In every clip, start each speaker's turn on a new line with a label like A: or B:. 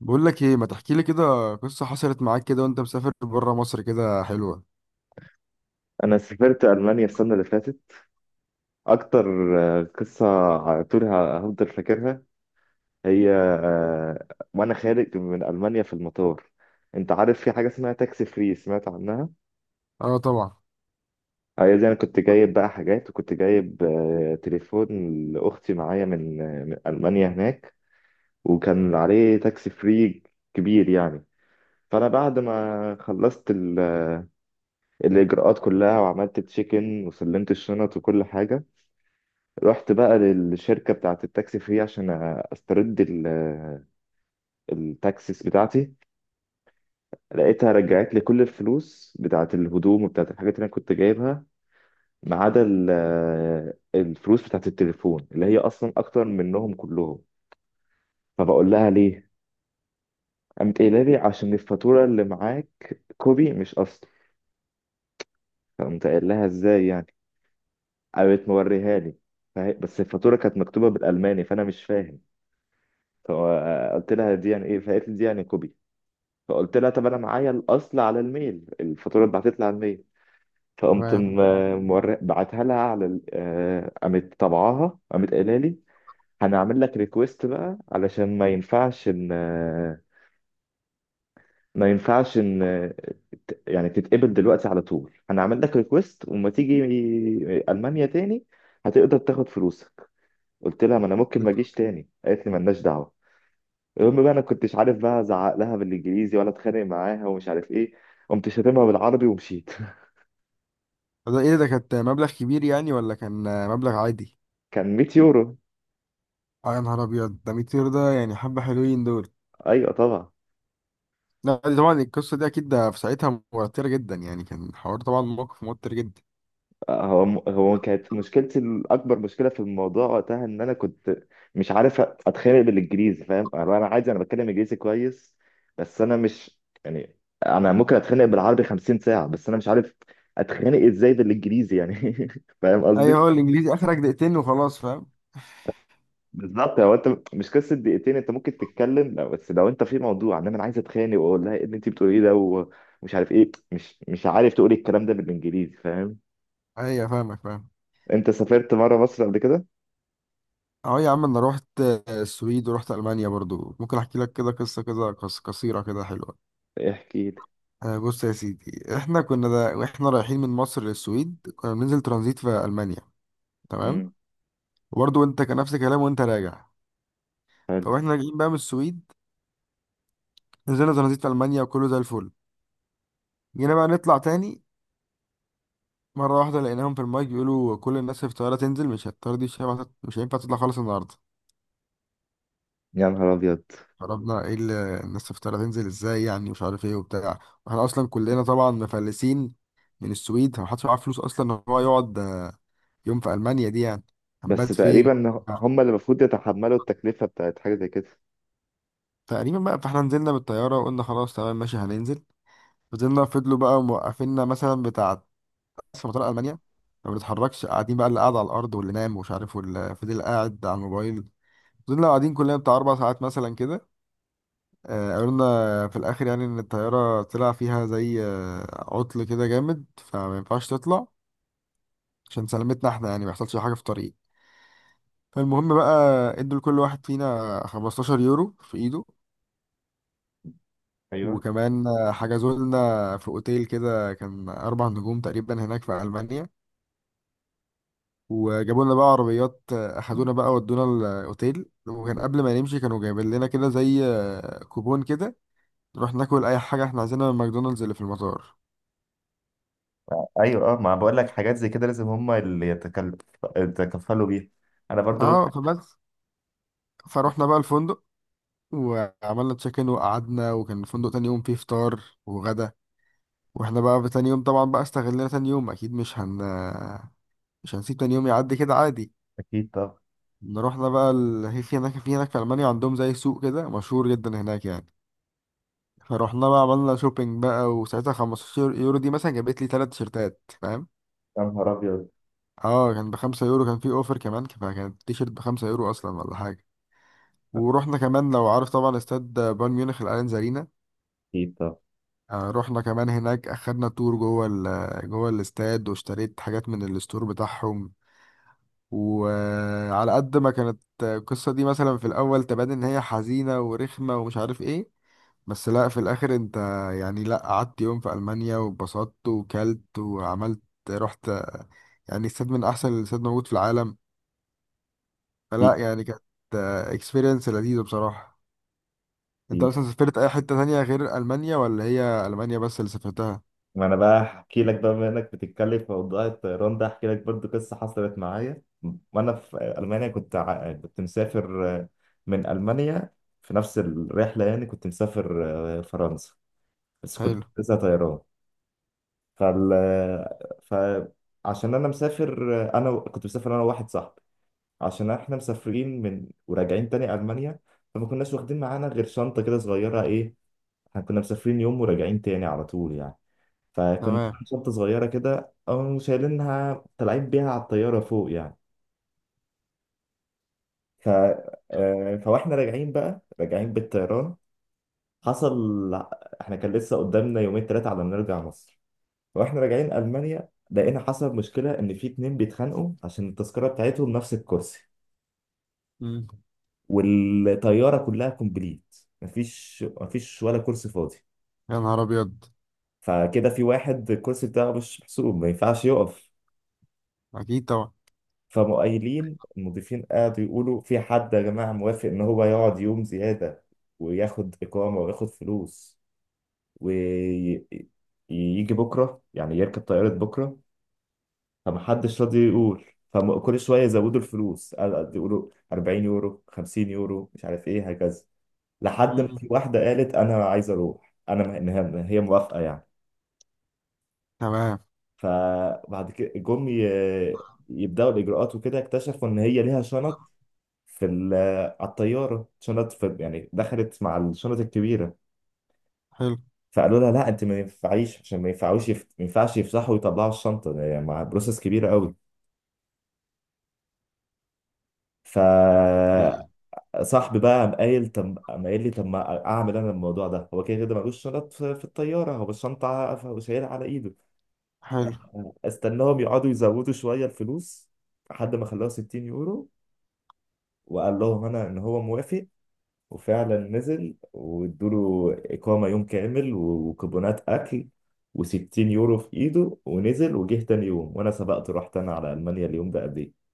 A: بقول لك ايه، ما تحكي لي كده قصة حصلت معاك كده وانت مسافر بره مصر، كده حلوة.
B: انا سافرت المانيا السنه اللي فاتت اكتر. قصه على طول، هفضل فاكرها. هي، وانا خارج من المانيا في المطار، انت عارف في حاجه اسمها تاكسي فري؟ سمعت عنها.
A: اه طبعا.
B: هي دي، انا كنت جايب بقى حاجات، وكنت جايب تليفون لاختي معايا من من المانيا هناك، وكان عليه تاكسي فري كبير يعني. فانا بعد ما خلصت الاجراءات كلها، وعملت تشيك ان، وسلمت الشنط وكل حاجه، رحت بقى للشركة بتاعة التاكسي فري عشان استرد التاكسيس بتاعتي. لقيتها رجعت لي كل الفلوس بتاعة الهدوم وبتاعة الحاجات اللي انا كنت جايبها، ما عدا الفلوس بتاعة التليفون اللي هي اصلا اكتر منهم كلهم. فبقول لها ليه، قامت قايله لي عشان الفاتورة اللي معاك كوبي مش اصل. فقمت قايل لها ازاي يعني؟ قامت موريها لي، بس الفاتورة كانت مكتوبة بالألماني، فأنا مش فاهم. فقلت لها دي يعني إيه؟ فقالت لي دي يعني كوبي. فقلت لها طب انا معايا الاصل على الميل، الفاتوره اتبعتت لي على الميل. فقمت
A: تمام.
B: بعتها لها على قامت طبعاها، قامت قايله لي هنعمل لك ريكويست بقى، علشان ما ينفعش ان، ما ينفعش ان آه، يعني تتقبل دلوقتي على طول. هنعمل لك ريكويست، وما تيجي المانيا تاني هتقدر تاخد فلوسك. قلت لها ما انا ممكن ما اجيش تاني، قالت لي مالناش دعوه. المهم بقى انا كنتش عارف بقى ازعق لها بالانجليزي ولا اتخانق معاها ومش عارف ايه، قمت شاتمها بالعربي ومشيت.
A: ده ايه ده؟ كانت مبلغ كبير يعني، ولا كان مبلغ عادي؟
B: كان 100 يورو.
A: اه يا نهار ابيض، ده 200، ده يعني حبه حلوين دول.
B: ايوه طبعا.
A: لا، دي طبعا القصة دي اكيد ده في ساعتها موترة جدا يعني، كان حوار، طبعا موقف موتر جدا.
B: هو، هو كانت مشكلتي الاكبر، مشكله في الموضوع وقتها، ان انا كنت مش عارف اتخانق بالانجليزي، فاهم؟ أنا عادي، انا بتكلم انجليزي كويس، بس انا مش يعني، انا ممكن اتخانق بالعربي 50 ساعه، بس انا مش عارف اتخانق ازاي بالانجليزي يعني. فاهم
A: ايوه،
B: قصدي؟
A: هو الانجليزي اخرك دقيقتين وخلاص، فاهم.
B: بالظبط. هو انت مش قصه دقيقتين، انت ممكن تتكلم لو، بس لو انت في موضوع ان انا عايز اتخانق واقول لها ايه اللي انت بتقوليه ده، ومش عارف ايه، مش عارف تقولي الكلام ده بالانجليزي، فاهم؟
A: ايوه فاهمك، فاهم.
B: انت سافرت مره مصر قبل كده؟
A: اه يا عم، انا رحت السويد ورحت المانيا برضو، ممكن احكي لك كده قصة كده قصيرة كده حلوة.
B: احكي لي.
A: بص يا سيدي، احنا كنا دا واحنا رايحين من مصر للسويد كنا بننزل ترانزيت في المانيا. تمام.
B: امم.
A: وبرضه انت كان نفس الكلام وانت راجع.
B: حلو.
A: فاحنا راجعين بقى من السويد، نزلنا ترانزيت في المانيا وكله زي الفل. جينا بقى نطلع تاني، مره واحده لقيناهم في المايك بيقولوا كل الناس في الطياره تنزل، مش هتطير، دي مش هينفع مش هينفع تطلع خالص النهارده.
B: يا نهار ابيض.
A: فربنا ايه اللي الناس في الطياره تنزل ازاي يعني، مش عارف ايه وبتاع. واحنا اصلا كلنا طبعا مفلسين، من السويد محدش معاه فلوس اصلا ان هو يقعد يوم في المانيا دي يعني.
B: بس
A: هنبات فين؟
B: تقريبا هم اللي المفروض يتحملوا التكلفه بتاعت حاجه زي كده.
A: تقريبا بقى، فاحنا نزلنا بالطيارة وقلنا خلاص تمام ماشي هننزل. فضلوا بقى موقفيننا، مثلا بتاع في مطار ألمانيا، ما بنتحركش، قاعدين بقى، اللي قاعد على الأرض واللي نام ومش عارف، واللي فضل قاعد على الموبايل. فضلنا قاعدين كلنا بتاع 4 ساعات مثلا كده. قلنا في الآخر يعني إن الطيارة طلع فيها زي عطل كده جامد، فما ينفعش تطلع عشان سلامتنا احنا يعني، ما يحصلش حاجة في الطريق. فالمهم بقى، ادوا لكل واحد فينا 15 يورو في ايده.
B: ايوه.
A: وكمان حجزوا لنا في اوتيل كده، كان اربع نجوم تقريبا هناك في المانيا. وجابوا لنا بقى عربيات، اخدونا بقى ودونا الاوتيل. وكان قبل ما نمشي كانوا جايبين لنا كده زي كوبون كده، نروح ناكل اي حاجه احنا عايزينها من ماكدونالدز اللي في المطار.
B: ايوه، اه، ما بقول لك حاجات زي كده لازم هم اللي يتكفلوا بيها. انا برضو.
A: اه فبس، فروحنا بقى الفندق وعملنا تشيك ان وقعدنا، وكان الفندق تاني يوم فيه فطار وغدا. واحنا بقى في تاني يوم طبعا بقى استغلنا تاني يوم، اكيد مش هنسيب تاني يوم يعدي كده عادي.
B: اكيد طبعا.
A: رحنا بقى هي في هناك في ألمانيا عندهم زي سوق كده مشهور جدا هناك يعني. فروحنا بقى عملنا شوبينج بقى، وساعتها 15 يورو دي مثلا جابت لي تلات تيشيرتات، فاهم.
B: يا نهار ابيض.
A: اه كان ب5 يورو، كان في اوفر كمان، فكانت التيشيرت ب5 يورو اصلا ولا حاجة. ورحنا كمان، لو عارف طبعا استاد بايرن ميونخ الاليانز ارينا.
B: اكيد طبعا.
A: رحنا كمان هناك، اخدنا تور جوه جوه الاستاد، واشتريت حاجات من الستور بتاعهم. وعلى قد ما كانت القصة دي مثلا في الأول تبان إن هي حزينة ورخمة ومش عارف إيه، بس لا، في الاخر انت يعني، لا قعدت يوم في المانيا واتبسطت وكلت وعملت، رحت يعني استاد من احسن الاستاد موجود في العالم. فلا يعني كانت اكسبيرينس لذيذه بصراحه. انت
B: اكيد.
A: اصلا سافرت اي حته تانية غير المانيا، ولا هي المانيا بس اللي سافرتها؟
B: ما انا بقى احكي لك بقى، بما انك بتتكلم في موضوع الطيران ده، احكي لك برضو قصه حصلت معايا وانا في المانيا. كنت مسافر من المانيا، في نفس الرحله، يعني كنت مسافر فرنسا، بس كنت
A: حلو.
B: لسه طيران. فال فعشان انا مسافر، كنت مسافر انا وواحد صاحبي، عشان احنا مسافرين من، وراجعين تاني المانيا، فما كناش واخدين معانا غير شنطه كده صغيره ايه. احنا كنا مسافرين يوم وراجعين تاني على طول يعني، فكنت
A: تمام.
B: عامل شنطة صغيرة كده، أو شايلينها طالعين بيها على الطيارة فوق يعني. ف... آه، فواحنا راجعين بقى، راجعين بالطيران، حصل احنا كان لسه قدامنا يومين ثلاثة على ما نرجع مصر، واحنا راجعين ألمانيا لقينا حصل مشكلة، إن في اتنين بيتخانقوا عشان التذكرة بتاعتهم نفس الكرسي،
A: مم.
B: والطيارة كلها كومبليت، مفيش ولا كرسي فاضي.
A: يا نهار ابيض.
B: فكده في واحد الكرسي بتاعه مش محسوب، ما ينفعش يقف.
A: اكيد طبعا.
B: فمؤيلين المضيفين قعدوا يقولوا في حد يا جماعة موافق إن هو يقعد يوم زيادة، وياخد إقامة، وياخد فلوس، ويجي بكرة يعني يركب طيارة بكرة. فمحدش راضي يقول. فكل شوية يزودوا الفلوس، يقولوا 40 يورو، 50 يورو، مش عارف إيه هكذا، لحد ما
A: مم.
B: في واحدة قالت أنا عايزة أروح. إن هي موافقة يعني.
A: تمام.
B: فبعد كده يبدأوا الإجراءات، وكده اكتشفوا إن هي ليها شنط في ال- على الطياره، شنط في يعني دخلت مع الشنط الكبيره.
A: حلو.
B: فقالوا لها لا انت ما ينفعيش، عشان ما ينفعش يفتحوا ويطلعوا الشنطه ده، يعني مع بروسس كبيره قوي. فصاحبي
A: إيه.
B: بقى قام قايل لي طب ما اعمل انا الموضوع ده، هو كده كده ملوش شنط في الطياره، هو الشنطه هو شايلها على ايده.
A: حلو.
B: استناهم يقعدوا يزودوا شويه الفلوس، لحد ما خلاها 60 يورو، وقال لهم انا ان هو موافق. وفعلا نزل وادوله إقامة يوم كامل، و- وكوبونات أكل، و60 يورو في إيده. ونزل وجه تاني يوم، وأنا سبقته رحت أنا على ألمانيا اليوم ده قبليه.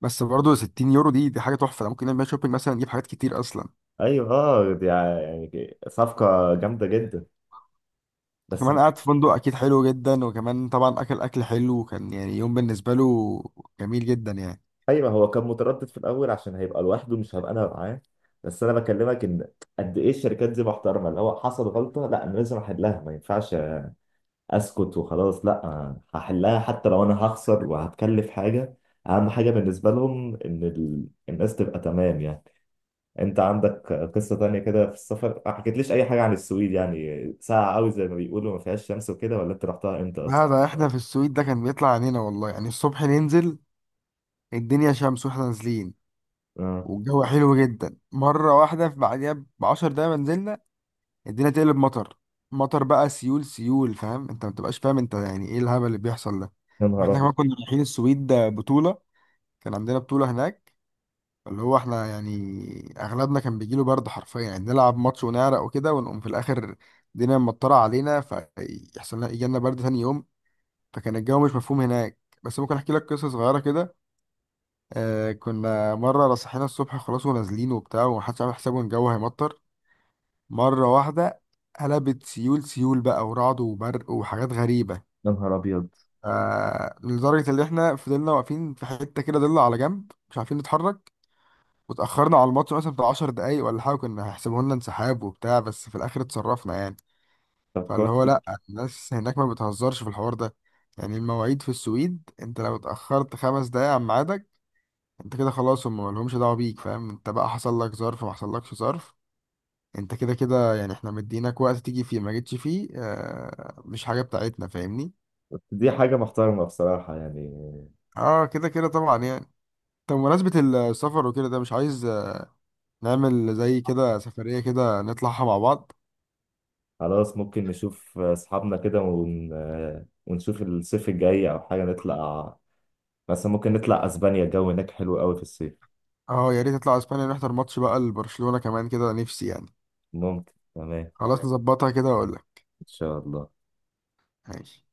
A: بس برضه 60 يورو دي حاجه تحفه، أنا ممكن نعمل شوبينج مثلا نجيب حاجات كتير اصلا.
B: أيوه، آه، يعني صفقة جامدة جدا. بس
A: كمان قعد في فندق اكيد حلو جدا، وكمان طبعا اكل اكل حلو، وكان يعني يوم بالنسبه له جميل جدا يعني.
B: أيوه، هو كان متردد في الأول عشان هيبقى لوحده، مش هبقى أنا معاه. بس أنا بكلمك إن قد إيه الشركات دي محترمة، اللي هو حصل غلطة لا أنا لازم أحلها، ما ينفعش اسكت وخلاص، لا هحلها حتى لو انا هخسر وهتكلف حاجه. اهم حاجه بالنسبه لهم ان الناس تبقى تمام يعني. انت عندك قصه تانية كده في السفر؟ ما حكيتليش اي حاجه عن السويد، يعني ساقعه قوي زي ما بيقولوا، ما فيهاش شمس وكده، ولا انت رحتها امتى
A: لا،
B: اصلا؟
A: ده احنا في السويد ده كان بيطلع علينا والله، يعني الصبح ننزل الدنيا شمس واحنا نازلين،
B: اه،
A: والجو حلو جدا، مره واحده في بعديها ب10 دقايق ما نزلنا الدنيا تقلب مطر. مطر بقى، سيول سيول، فاهم انت؟ ما بتبقاش فاهم انت يعني ايه الهبل اللي بيحصل ده.
B: يا نهار
A: واحنا
B: ابيض،
A: كمان كنا رايحين السويد بطوله، كان عندنا بطوله هناك، اللي هو احنا يعني اغلبنا كان بيجيله برد حرفيا يعني، نلعب ماتش ونعرق وكده، ونقوم في الاخر الدنيا مطرة علينا، فيحصل لنا يجي لنا برد تاني يوم. فكان الجو مش مفهوم هناك، بس ممكن احكي لك قصة صغيرة كده. كنا مرة صحينا الصبح خلاص ونازلين وبتاع، ومحدش عامل حسابه ان الجو هيمطر، مرة واحدة قلبت سيول سيول بقى، ورعد وبرق وحاجات غريبة.
B: يا نهار ابيض.
A: لدرجة اللي احنا فضلنا واقفين في حتة كده ضلة على جنب، مش عارفين نتحرك، واتأخرنا على الماتش مثلا بتاع 10 دقايق ولا حاجة، كنا هيحسبوا لنا انسحاب وبتاع، بس في الآخر اتصرفنا يعني.
B: طب
A: فاللي هو
B: كويس.
A: لأ، الناس هناك ما بتهزرش في الحوار ده، يعني المواعيد في السويد انت لو اتأخرت 5 دقايق عن ميعادك انت كده خلاص، هم مالهمش دعوة بيك، فاهم انت؟ بقى حصل لك ظرف ما حصلكش ظرف، انت كده كده يعني، احنا مديناك وقت تيجي فيه ما جيتش فيه، اه مش حاجة بتاعتنا، فاهمني.
B: دي حاجه محترمه بصراحه يعني.
A: اه كده كده طبعا يعني. طب بمناسبة السفر وكده، ده مش عايز نعمل زي كده سفرية كده نطلعها مع بعض؟
B: خلاص، ممكن نشوف اصحابنا كده، ونشوف الصيف الجاي او حاجه نطلع، مثلا ممكن نطلع اسبانيا، الجو هناك حلو قوي في الصيف.
A: اه يا ريت اطلع اسبانيا نحضر ماتش بقى لبرشلونة كمان كده، نفسي يعني.
B: ممكن، تمام.
A: خلاص، نظبطها كده واقول لك.
B: إن شاء الله.
A: ماشي.